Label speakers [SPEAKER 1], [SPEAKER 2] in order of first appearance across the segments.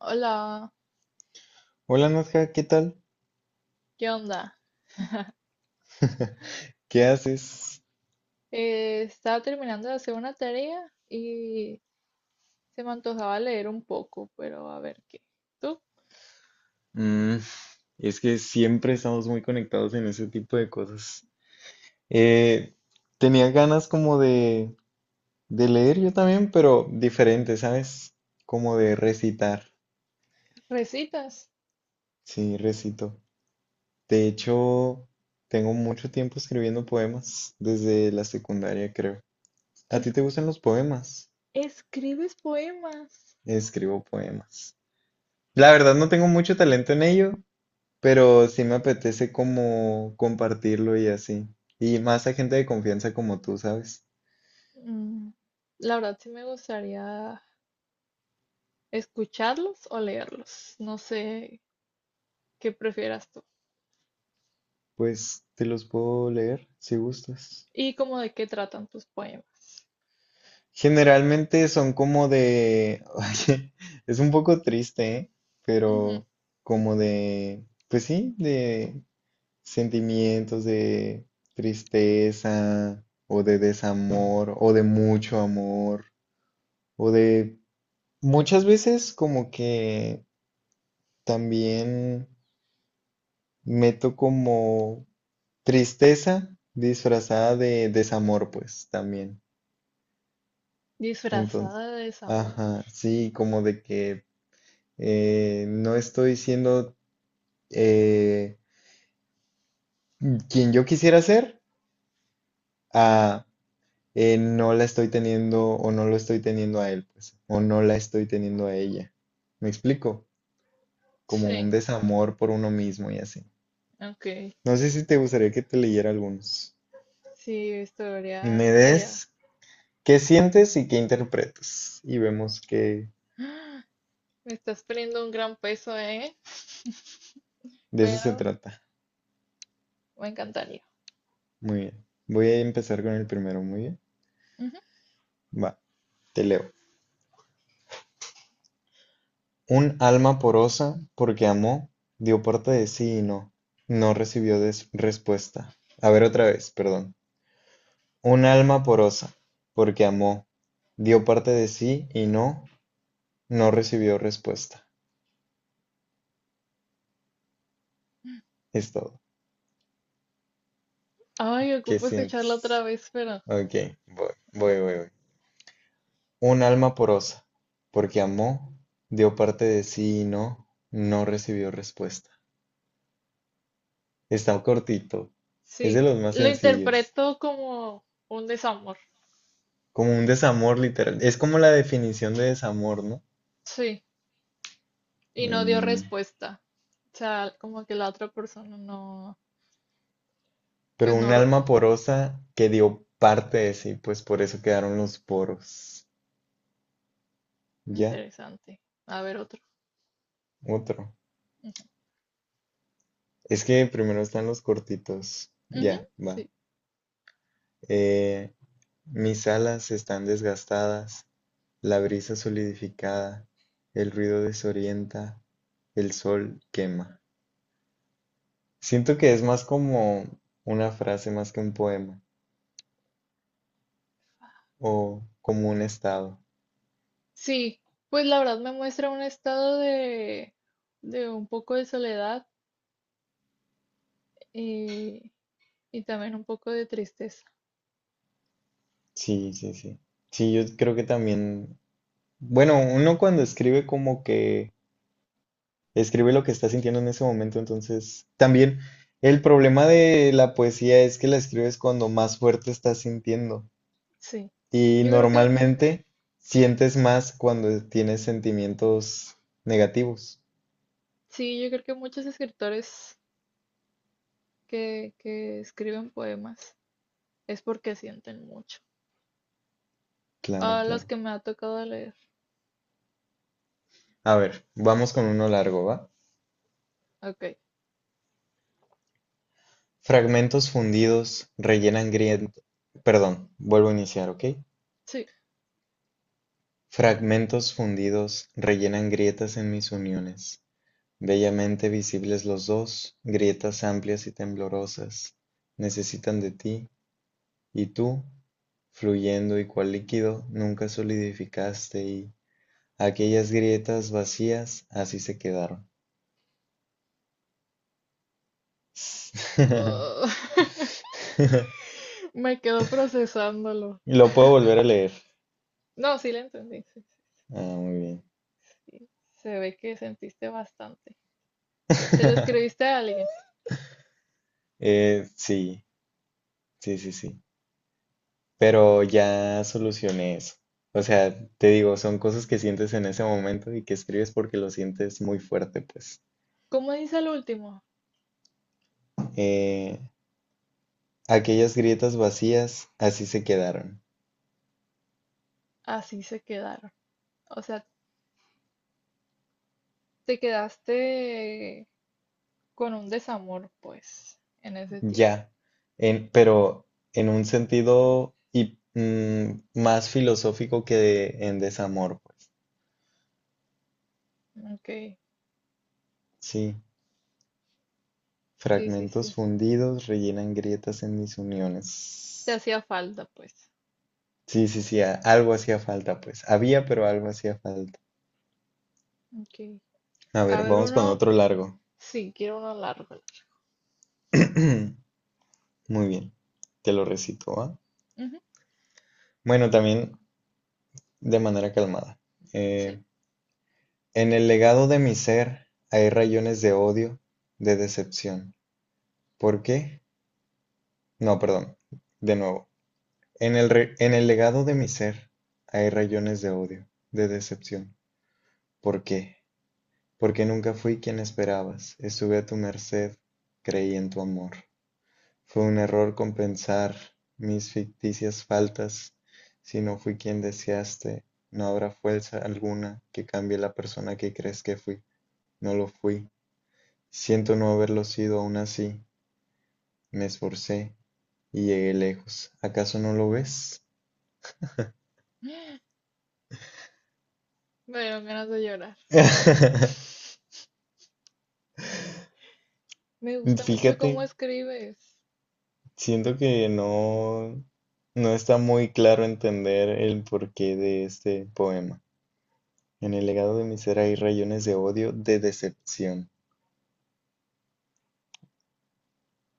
[SPEAKER 1] Hola,
[SPEAKER 2] Hola Nadja, ¿qué tal?
[SPEAKER 1] ¿qué onda?
[SPEAKER 2] ¿Qué haces?
[SPEAKER 1] Estaba terminando de hacer una tarea y se me antojaba leer un poco, pero a ver qué. ¿Tú
[SPEAKER 2] Mm, es que siempre estamos muy conectados en ese tipo de cosas. Eh, Tenía ganas como de leer yo también, pero diferente, ¿sabes? Como de recitar.
[SPEAKER 1] recitas?
[SPEAKER 2] Sí, recito. De hecho, tengo mucho tiempo escribiendo poemas, desde la secundaria creo. ¿A ti
[SPEAKER 1] Es-
[SPEAKER 2] te gustan los poemas?
[SPEAKER 1] ¿Escribes poemas?
[SPEAKER 2] Escribo poemas. La verdad no tengo mucho talento en ello, pero sí me apetece como compartirlo y así. Y más a gente de confianza como tú, ¿sabes?
[SPEAKER 1] Mm, la verdad sí me gustaría escucharlos o leerlos. No sé qué prefieras tú.
[SPEAKER 2] Pues te los puedo leer si gustas.
[SPEAKER 1] ¿Y cómo de qué tratan tus poemas?
[SPEAKER 2] Generalmente son como de, oye, es un poco triste, ¿eh?
[SPEAKER 1] Ujú.
[SPEAKER 2] Pero como de, pues sí, de sentimientos de tristeza o de desamor o de mucho amor o de muchas veces como que también meto como tristeza disfrazada de desamor, pues también. Entonces,
[SPEAKER 1] Disfrazada de desamor.
[SPEAKER 2] ajá, sí, como de que no estoy siendo eh, quien yo quisiera ser, a no la estoy teniendo o no lo estoy teniendo a él, pues, o no la estoy teniendo a ella. ¿Me explico? Como un
[SPEAKER 1] Sí,
[SPEAKER 2] desamor por uno mismo y así.
[SPEAKER 1] ok.
[SPEAKER 2] No sé si te gustaría que te leyera algunos.
[SPEAKER 1] Sí, estaría,
[SPEAKER 2] Me
[SPEAKER 1] estaría.
[SPEAKER 2] des ¿Qué sientes y qué interpretas? Y vemos que
[SPEAKER 1] Me estás poniendo un gran peso, ¿eh?
[SPEAKER 2] de eso se
[SPEAKER 1] Pero
[SPEAKER 2] trata.
[SPEAKER 1] me encantaría.
[SPEAKER 2] Muy bien. Voy a empezar con el primero, muy bien.
[SPEAKER 1] Ujú.
[SPEAKER 2] Va, te leo. Un alma porosa, porque amó, dio parte de sí y no, respuesta. A ver otra vez, perdón. Un alma porosa, porque amó, dio parte de sí y no, no recibió respuesta. Es todo.
[SPEAKER 1] Ay,
[SPEAKER 2] ¿Qué
[SPEAKER 1] ocupo escucharla otra
[SPEAKER 2] sientes?
[SPEAKER 1] vez, pero
[SPEAKER 2] Ok, voy,
[SPEAKER 1] ah,
[SPEAKER 2] voy, voy, voy. Un alma porosa, porque amó, dio parte de sí y no, no recibió respuesta. Está cortito, es de
[SPEAKER 1] sí.
[SPEAKER 2] los más
[SPEAKER 1] Lo
[SPEAKER 2] sencillos,
[SPEAKER 1] interpreto como un desamor.
[SPEAKER 2] como un desamor literal, es como la definición de desamor, ¿no?
[SPEAKER 1] Sí. Y no dio
[SPEAKER 2] Mm,
[SPEAKER 1] respuesta. O sea, como que la otra persona no. Pues
[SPEAKER 2] pero
[SPEAKER 1] no.
[SPEAKER 2] un alma porosa que dio parte de sí, pues por eso quedaron los poros. Ya,
[SPEAKER 1] Interesante. A ver, otro.
[SPEAKER 2] otro.
[SPEAKER 1] Ujú.
[SPEAKER 2] Es que primero están los cortitos.
[SPEAKER 1] Ujú.
[SPEAKER 2] Ya,
[SPEAKER 1] Sí.
[SPEAKER 2] va. Eh, mis alas están desgastadas, la brisa solidificada, el ruido desorienta, el sol quema. Siento que es más como una frase más que un poema o como un estado.
[SPEAKER 1] Sí. Pues la verdad me muestra un estado de. De un poco de soledad y. Y también un poco de tristeza.
[SPEAKER 2] Sí, sí, sí. Sí, yo creo que también, bueno, uno cuando escribe como que escribe lo que está sintiendo en ese momento, entonces también el problema de la poesía es que la escribes cuando más fuerte estás sintiendo.
[SPEAKER 1] Sí.
[SPEAKER 2] Y
[SPEAKER 1] Yo creo que
[SPEAKER 2] normalmente sientes más cuando tienes sentimientos negativos.
[SPEAKER 1] sí, yo creo que muchos escritores que escriben poemas es porque sienten mucho.
[SPEAKER 2] Claro,
[SPEAKER 1] A los
[SPEAKER 2] claro.
[SPEAKER 1] que me ha tocado leer.
[SPEAKER 2] A ver, vamos con uno largo, ¿va?
[SPEAKER 1] Ok,
[SPEAKER 2] Fragmentos fundidos rellenan grietas. Perdón, vuelvo a iniciar, ¿ok?
[SPEAKER 1] sí.
[SPEAKER 2] Fragmentos fundidos rellenan grietas en mis uniones. Bellamente visibles los dos, grietas amplias y temblorosas. Necesitan de ti, y tú, fluyendo y cual líquido, nunca solidificaste y aquellas grietas vacías así se quedaron.
[SPEAKER 1] Ah, me quedo procesándolo.
[SPEAKER 2] Lo puedo volver a leer.
[SPEAKER 1] No, sí le entendí. Sí,
[SPEAKER 2] Ah, muy bien.
[SPEAKER 1] sí. Se ve que sentiste bastante. Se lo escribiste a alguien.
[SPEAKER 2] Eh, sí, sí. Pero ya solucioné eso. O sea, te digo, son cosas que sientes en ese momento y que escribes porque lo sientes muy fuerte, pues.
[SPEAKER 1] ¿Cómo dice el último?
[SPEAKER 2] Eh, aquellas grietas vacías así se quedaron.
[SPEAKER 1] Así se quedaron. O sea, te quedaste con un desamor, pues, en ese tiempo.
[SPEAKER 2] Ya, en, pero en un sentido y, mm, más filosófico que de- en desamor, pues.
[SPEAKER 1] Ok,
[SPEAKER 2] Sí,
[SPEAKER 1] sí, sí, sí.
[SPEAKER 2] fragmentos fundidos rellenan grietas en mis
[SPEAKER 1] Te
[SPEAKER 2] uniones.
[SPEAKER 1] hacía falta, pues.
[SPEAKER 2] Sí, sí, sí, algo hacía falta, pues. Había, pero algo hacía falta.
[SPEAKER 1] Ok.
[SPEAKER 2] A
[SPEAKER 1] A
[SPEAKER 2] ver,
[SPEAKER 1] ver,
[SPEAKER 2] vamos con
[SPEAKER 1] uno.
[SPEAKER 2] otro largo.
[SPEAKER 1] Sí, quiero uno largo.
[SPEAKER 2] Muy bien, te lo recito, ¿va?
[SPEAKER 1] Ujú.
[SPEAKER 2] Bueno, también de manera calmada.
[SPEAKER 1] Sí.
[SPEAKER 2] Eh, en el legado de mi ser hay rayones de odio, de decepción. ¿Por qué? No, perdón. De nuevo. En el legado de mi ser hay rayones de odio, de decepción. ¿Por qué? Porque nunca fui quien esperabas. Estuve a tu merced, creí en tu amor. Fue un error compensar mis ficticias faltas. Si no fui quien deseaste, no habrá fuerza alguna que cambie la persona que crees que fui. No lo fui. Siento no haberlo sido aún así. Me esforcé y llegué lejos. ¿Acaso no lo ves?
[SPEAKER 1] Me dieron ganas de llorar. Me gusta mucho
[SPEAKER 2] Fíjate,
[SPEAKER 1] cómo escribes.
[SPEAKER 2] siento que no, no está muy claro entender el porqué de este poema. En el legado de mi ser hay rayones de odio, de decepción.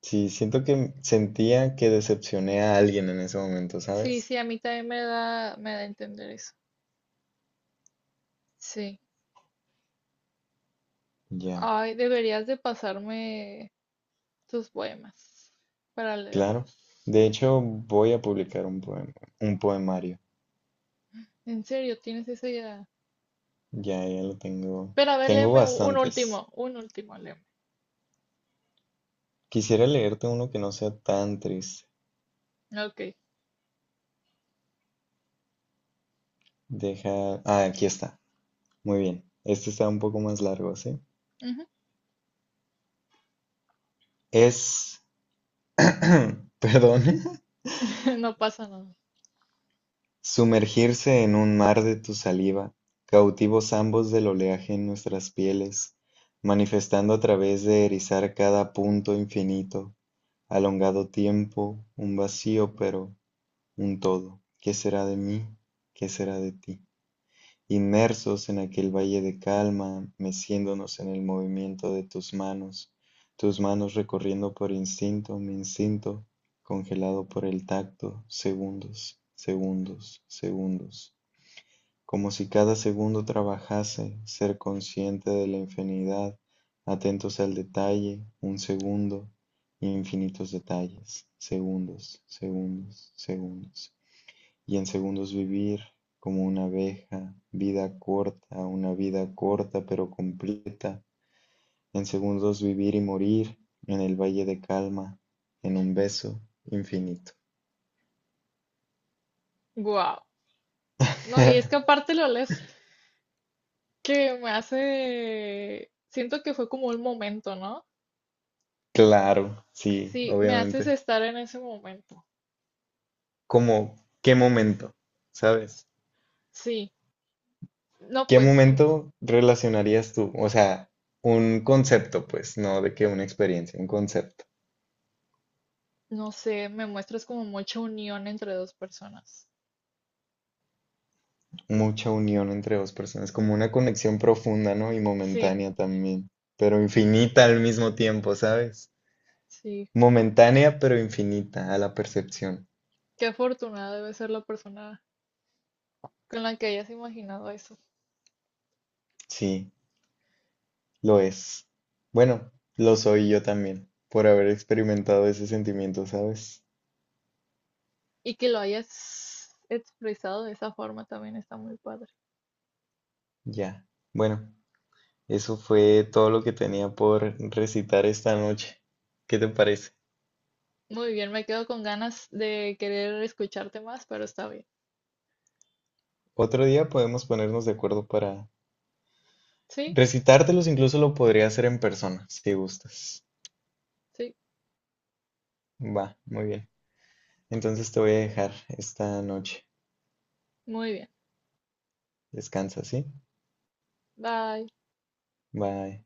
[SPEAKER 2] Sí, siento que sentía que decepcioné a alguien en ese momento,
[SPEAKER 1] Sí,
[SPEAKER 2] ¿sabes?
[SPEAKER 1] sí, a mí también me da a entender eso. Sí.
[SPEAKER 2] Ya,
[SPEAKER 1] Ay, deberías de pasarme tus poemas para
[SPEAKER 2] claro.
[SPEAKER 1] leerlos.
[SPEAKER 2] De hecho, voy a publicar un poema, un poemario.
[SPEAKER 1] En serio, tienes esa idea.
[SPEAKER 2] Ya, ya lo tengo.
[SPEAKER 1] Pero a ver,
[SPEAKER 2] Tengo
[SPEAKER 1] léeme
[SPEAKER 2] bastantes.
[SPEAKER 1] un último, léeme.
[SPEAKER 2] Quisiera leerte uno que no sea tan triste.
[SPEAKER 1] Ok.
[SPEAKER 2] Deja. Ah, aquí está. Muy bien. Este está un poco más largo, ¿sí?
[SPEAKER 1] Ujú.
[SPEAKER 2] Es, perdón,
[SPEAKER 1] No pasa nada.
[SPEAKER 2] sumergirse en un mar de tu saliva, cautivos ambos del oleaje en nuestras pieles, manifestando a través de erizar cada punto infinito, alongado tiempo, un vacío, pero un todo. ¿Qué será de mí? ¿Qué será de ti? Inmersos en aquel valle de calma, meciéndonos en el movimiento de tus manos recorriendo por instinto, mi instinto, congelado por el tacto, segundos, segundos, segundos, como si cada segundo trabajase, ser consciente de la infinidad, atentos al detalle, un segundo, infinitos detalles, segundos, segundos, segundos y en segundos vivir como una abeja, vida corta, una vida corta pero completa, en segundos vivir y morir en el valle de calma, en un beso infinito.
[SPEAKER 1] Wow. No, y es que aparte lo lees. Que me hace, siento que fue como un momento, ¿no?
[SPEAKER 2] Claro, sí,
[SPEAKER 1] Sí, me haces
[SPEAKER 2] obviamente.
[SPEAKER 1] estar en ese momento.
[SPEAKER 2] Como, ¿qué momento? ¿Sabes?
[SPEAKER 1] Sí, no,
[SPEAKER 2] ¿Qué
[SPEAKER 1] pues,
[SPEAKER 2] momento relacionarías tú? O sea, un concepto, pues, no de que una experiencia, un concepto.
[SPEAKER 1] no sé, me muestras como mucha unión entre dos personas.
[SPEAKER 2] Mucha unión entre dos personas, como una conexión profunda, ¿no? Y
[SPEAKER 1] Sí,
[SPEAKER 2] momentánea también, pero infinita al mismo tiempo, ¿sabes?
[SPEAKER 1] sí,
[SPEAKER 2] Momentánea, pero infinita a la percepción.
[SPEAKER 1] qué afortunada debe ser la persona con la que hayas imaginado eso
[SPEAKER 2] Sí, lo es. Bueno, lo soy yo también, por haber experimentado ese sentimiento, ¿sabes?
[SPEAKER 1] y que lo hayas expresado de esa forma también está muy padre.
[SPEAKER 2] Ya. Bueno, eso fue todo lo que tenía por recitar esta noche. ¿Qué te parece?
[SPEAKER 1] Muy bien, me quedo con ganas de querer escucharte más, pero está bien.
[SPEAKER 2] Otro día podemos ponernos de acuerdo para
[SPEAKER 1] Sí,
[SPEAKER 2] recitártelos, incluso lo podría hacer en persona, si gustas.
[SPEAKER 1] sí,
[SPEAKER 2] Va, muy bien. Entonces te voy a dejar esta noche.
[SPEAKER 1] muy bien.
[SPEAKER 2] Descansa, ¿sí?
[SPEAKER 1] Bye.
[SPEAKER 2] Bye.